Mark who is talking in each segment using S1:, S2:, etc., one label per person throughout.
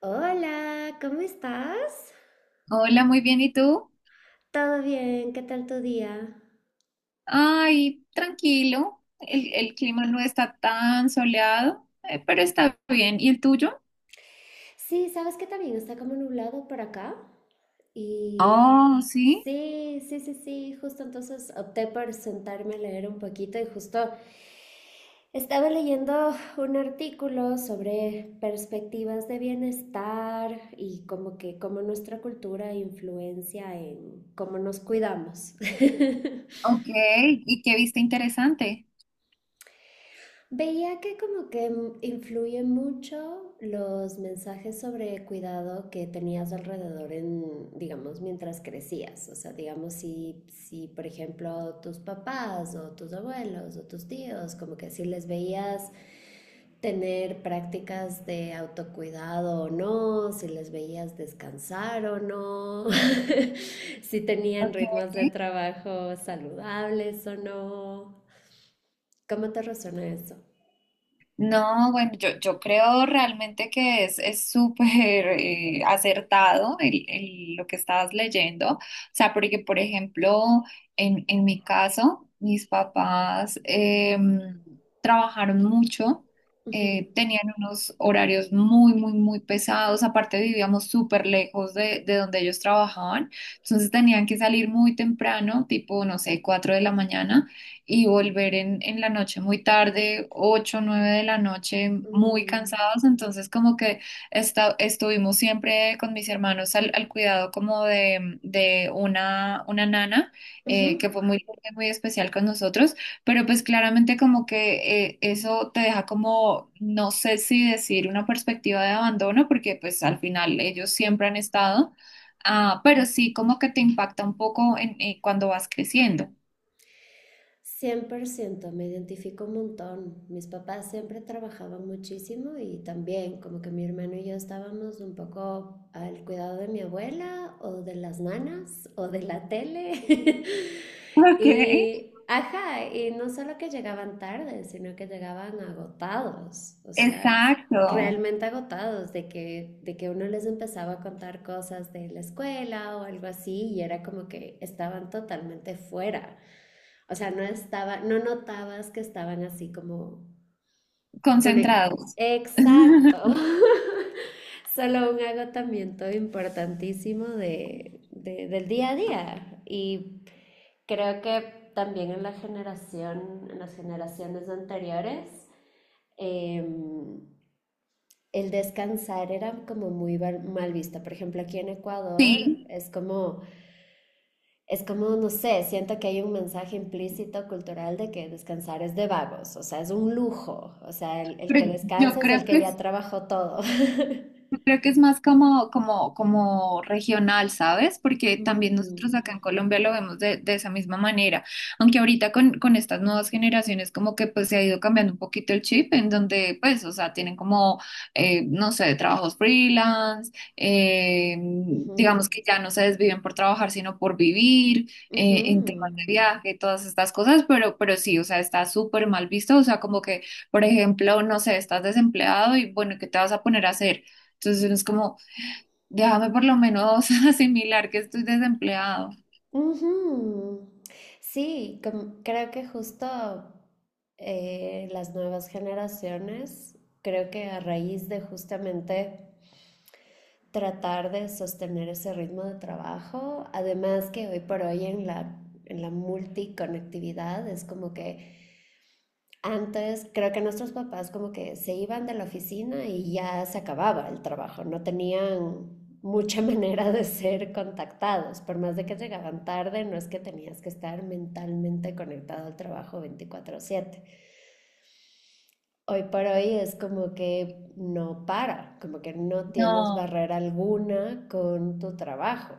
S1: Hola, ¿cómo estás?
S2: Hola, muy bien. ¿Y tú?
S1: ¿Todo bien? ¿Qué tal tu día?
S2: Ay, tranquilo. El clima no está tan soleado, pero está bien. ¿Y el tuyo?
S1: Sí, sabes que también está como nublado por acá. Y
S2: Oh, sí.
S1: sí, sí, sí, sí, justo entonces opté por sentarme a leer un poquito y justo estaba leyendo un artículo sobre perspectivas de bienestar y como que cómo nuestra cultura influencia en cómo nos cuidamos.
S2: Ok. ¿Y qué viste interesante?
S1: Veía que como que influye mucho los mensajes sobre cuidado que tenías alrededor en, digamos, mientras crecías. O sea, digamos, si por ejemplo tus papás o tus abuelos o tus tíos, como que si les veías tener prácticas de autocuidado o no, si les veías descansar o no, si tenían
S2: Ok.
S1: ritmos de trabajo saludables o no. ¿Cómo te resuena eso?
S2: No, bueno, yo creo realmente que es súper acertado lo que estabas leyendo. O sea, porque, por ejemplo, en mi caso, mis papás em, trabajaron mucho,
S1: Ujú.
S2: tenían unos horarios muy, muy, muy pesados. Aparte, vivíamos súper lejos de donde ellos trabajaban. Entonces, tenían que salir muy temprano, tipo, no sé, 4 de la mañana, y volver en la noche muy tarde, 8 9 de la noche, muy
S1: Mm,
S2: cansados. Entonces, como que estuvimos siempre con mis hermanos al cuidado como de una nana,
S1: ujú.
S2: que fue muy, muy especial con nosotros. Pero pues claramente como que eso te deja como, no sé si decir una perspectiva de abandono, porque pues al final ellos siempre han estado. Ah, pero sí como que te impacta un poco cuando vas creciendo.
S1: 100% me identifico un montón. Mis papás siempre trabajaban muchísimo y también como que mi hermano y yo estábamos un poco al cuidado de mi abuela o de las nanas o de la tele.
S2: Ok.
S1: Y, ajá, y no solo que llegaban tarde, sino que llegaban agotados, o sea,
S2: Exacto,
S1: realmente agotados de que uno les empezaba a contar cosas de la escuela o algo así y era como que estaban totalmente fuera. O sea, no estaba, no notabas que estaban así como conectados.
S2: concentrados.
S1: Exacto. Solo un agotamiento importantísimo del día a día. Y creo que también en la generación, en las generaciones anteriores, em, el descansar era como muy mal visto. Por ejemplo, aquí en Ecuador
S2: Sí,
S1: es como Es como, no sé, siento que hay un mensaje implícito cultural de que descansar es de vagos, o sea, es un lujo, o sea, el
S2: pero
S1: que
S2: yo
S1: descansa es
S2: creo
S1: el que
S2: que
S1: ya trabajó todo.
S2: Yo creo que es más como regional, ¿sabes? Porque también nosotros
S1: Mm,
S2: acá en Colombia lo vemos de esa misma manera. Aunque ahorita con estas nuevas generaciones como que pues se ha ido cambiando un poquito el chip en donde pues, o sea, tienen como, no sé, trabajos freelance,
S1: ujú,
S2: digamos que ya no se desviven por trabajar, sino por vivir,
S1: ujú,
S2: en temas de viaje, todas estas cosas, pero sí, o sea, está súper mal visto, o sea, como que, por ejemplo, no sé, estás desempleado y bueno, ¿qué te vas a poner a hacer? Entonces uno es como, déjame por lo menos asimilar que estoy desempleado.
S1: ujú. Sí, creo que justo las nuevas generaciones, creo que a raíz de justamente tratar de sostener ese ritmo de trabajo. Además que hoy por hoy en la multiconectividad es como que antes creo que nuestros papás como que se iban de la oficina y ya se acababa el trabajo, no tenían mucha manera de ser contactados, por más de que llegaban tarde, no es que tenías que estar mentalmente conectado al trabajo 24/7. Hoy por hoy es como que no para, como que no tienes
S2: No.
S1: barrera alguna con tu trabajo.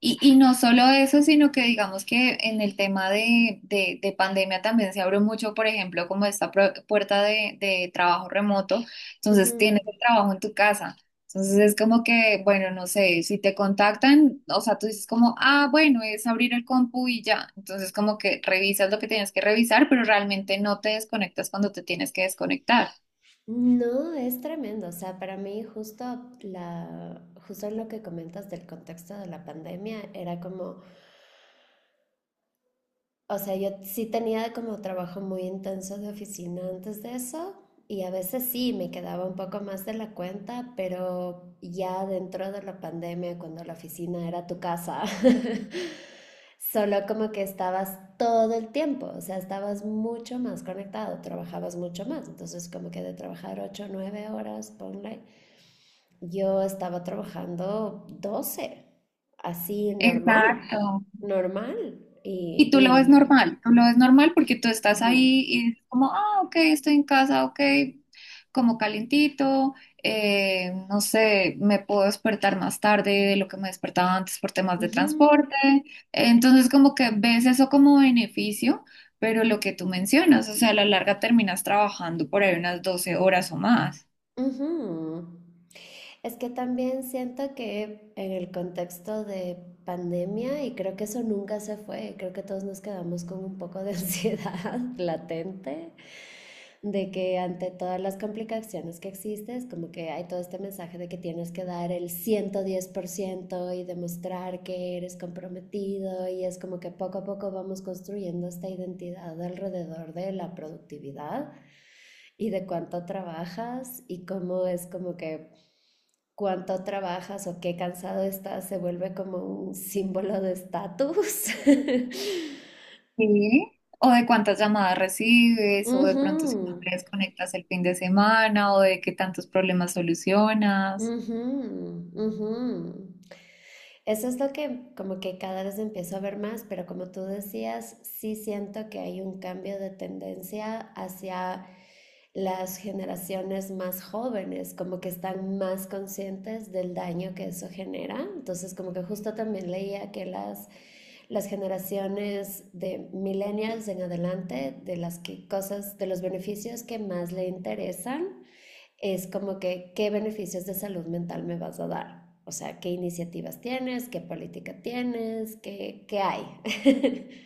S2: Y no solo eso, sino que digamos que en el tema de pandemia también se abrió mucho, por ejemplo, como esta puerta de trabajo remoto. Entonces
S1: Ujú.
S2: tienes el trabajo en tu casa. Entonces es como que, bueno, no sé, si te contactan, o sea, tú dices como, ah, bueno, es abrir el compu y ya. Entonces como que revisas lo que tienes que revisar, pero realmente no te desconectas cuando te tienes que desconectar.
S1: No, es tremendo. O sea, para mí justo justo en lo que comentas del contexto de la pandemia, era como, o sea, yo sí tenía como trabajo muy intenso de oficina antes de eso y a veces sí me quedaba un poco más de la cuenta, pero ya dentro de la pandemia, cuando la oficina era tu casa, solo como que estabas todo el tiempo, o sea, estabas mucho más conectado, trabajabas mucho más. Entonces, como que de trabajar 8 o 9 horas, ponle, yo estaba trabajando 12 así normal,
S2: Exacto.
S1: normal. Y,
S2: Y tú lo
S1: y
S2: ves
S1: no.
S2: normal, tú lo ves normal porque tú estás
S1: Ujú,
S2: ahí y es como, ah, ok, estoy en casa, ok, como calientito, no sé, me puedo despertar más tarde de lo que me despertaba antes por temas de
S1: ujú,
S2: transporte. Entonces como que ves eso como beneficio, pero lo que tú mencionas, o sea, a la larga terminas trabajando por ahí unas 12 horas o más.
S1: ujú. Es que también siento que en el contexto de pandemia, y creo que eso nunca se fue, creo que todos nos quedamos con un poco de ansiedad latente de que ante todas las complicaciones que existes, como que hay todo este mensaje de que tienes que dar el 110% y demostrar que eres comprometido y es como que poco a poco vamos construyendo esta identidad alrededor de la productividad y de cuánto trabajas y cómo es como que cuánto trabajas o qué cansado estás se vuelve como un símbolo de estatus.
S2: Sí. O de cuántas llamadas recibes, o de pronto si no
S1: Mhm.
S2: te desconectas el fin de semana, o de qué tantos problemas solucionas.
S1: Mhm. Mhm. Eso es lo que como que cada vez empiezo a ver más, pero como tú decías, sí siento que hay un cambio de tendencia hacia las generaciones más jóvenes, como que están más conscientes del daño que eso genera. Entonces, como que justo también leía que las generaciones de millennials en adelante, de las que cosas, de los beneficios que más le interesan, es como que qué beneficios de salud mental me vas a dar. O sea, qué iniciativas tienes, qué política tienes, qué hay.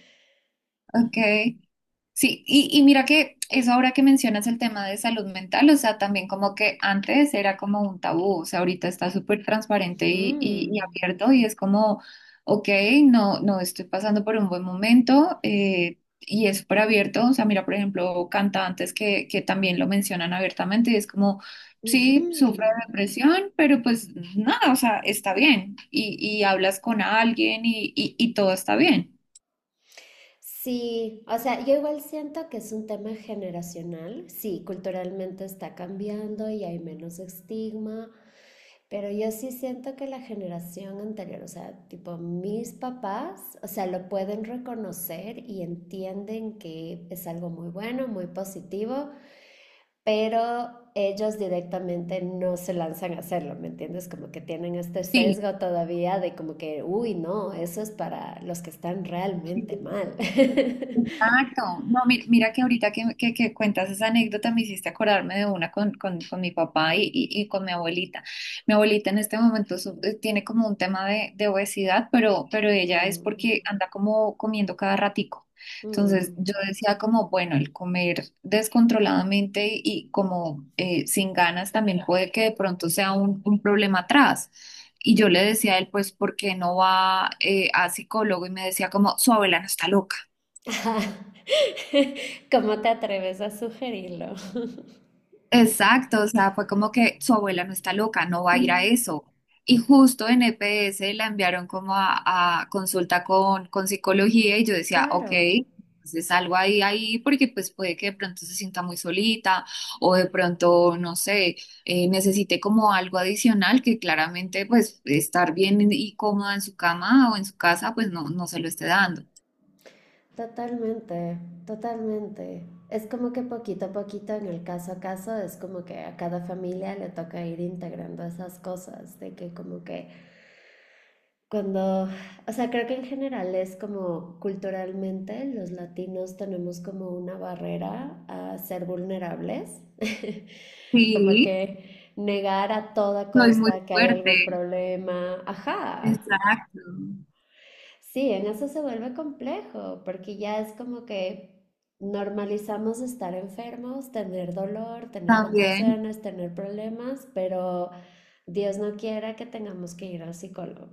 S2: Ok, sí, y mira que eso ahora que mencionas el tema de salud mental, o sea, también como que antes era como un tabú, o sea, ahorita está súper transparente y,
S1: Ujú,
S2: y- y abierto y es como, ok, no, no estoy pasando por un buen momento, y es súper abierto, o sea, mira, por ejemplo, cantantes que también lo mencionan abiertamente y es como,
S1: ujú.
S2: sí, sufro de depresión, pero pues nada, o sea, está bien y hablas con alguien y todo está bien.
S1: Sí, o sea, yo igual siento que es un tema generacional. Sí, culturalmente está cambiando y hay menos estigma, pero yo sí siento que la generación anterior, o sea, tipo mis papás, o sea, lo pueden reconocer y entienden que es algo muy bueno, muy positivo, pero ellos directamente no se lanzan a hacerlo, ¿me entiendes? Como que tienen este
S2: Sí.
S1: sesgo todavía de como que, uy, no, eso es para los que están realmente mal.
S2: Exacto. No, mira, que ahorita que cuentas esa anécdota me hiciste acordarme de una con mi papá y con mi abuelita. Mi abuelita en este momento tiene como un tema de obesidad, pero ella es
S1: Mm,
S2: porque anda como comiendo cada ratico.
S1: mm.
S2: Entonces yo decía como, bueno, el comer descontroladamente y como sin ganas también puede que de pronto sea un problema atrás. Y yo le decía a él, pues, ¿por qué no va a psicólogo? Y me decía como, su abuela no está loca.
S1: ¿Cómo te atreves a sugerirlo?
S2: Exacto, o sea, fue como que su abuela no está loca, no va a ir a eso. Y justo en EPS la enviaron como a consulta con psicología y yo decía, ok,
S1: Claro,
S2: entonces algo ahí, ahí, porque pues puede que de pronto se sienta muy solita o de pronto, no sé, necesite como algo adicional que claramente pues estar bien y cómoda en su cama o en su casa pues no, no se lo esté dando.
S1: totalmente, totalmente. Es como que poquito a poquito, en el caso a caso, es como que a cada familia le toca ir integrando esas cosas, de que como que Cuando, o sea, creo que en general es como culturalmente los latinos tenemos como una barrera a ser vulnerables, como
S2: Sí,
S1: que negar a toda
S2: soy muy
S1: costa que hay algún
S2: fuerte.
S1: problema, ajá.
S2: Exacto.
S1: Sí, en eso se vuelve complejo, porque ya es como que normalizamos estar enfermos, tener dolor, tener
S2: También.
S1: contracciones, tener problemas, pero Dios no quiera que tengamos que ir al psicólogo.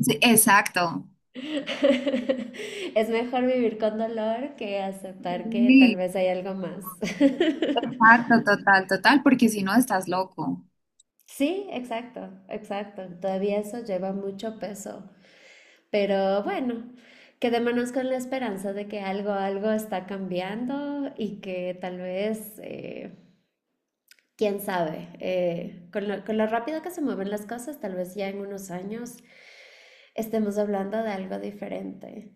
S2: Sí, exacto.
S1: Es mejor vivir con dolor que aceptar que tal
S2: Sí,
S1: vez hay algo más.
S2: exacto, total, total, porque si no estás loco.
S1: Sí, exacto, exacto. Todavía eso lleva mucho peso. Pero bueno, quedémonos con la esperanza de que algo, algo está cambiando y que tal vez, quién sabe, con lo rápido que se mueven las cosas, tal vez ya en unos años estemos hablando de algo diferente.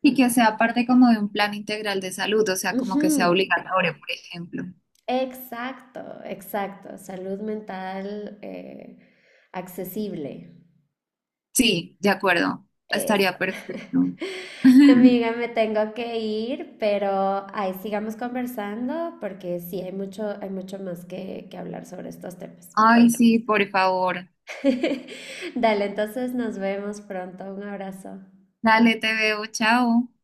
S2: Y que sea parte como de un plan integral de salud, o sea, como
S1: Ujú.
S2: que sea obligatorio, por ejemplo.
S1: Exacto, exacto. Salud mental accesible.
S2: Sí, de acuerdo.
S1: Eso.
S2: Estaría perfecto.
S1: Amiga, me tengo que ir, pero ahí sigamos conversando porque sí, hay mucho más que hablar sobre estos temas.
S2: Ay, sí, por favor.
S1: Dale, entonces nos vemos pronto. Un abrazo.
S2: Dale, te veo, chao.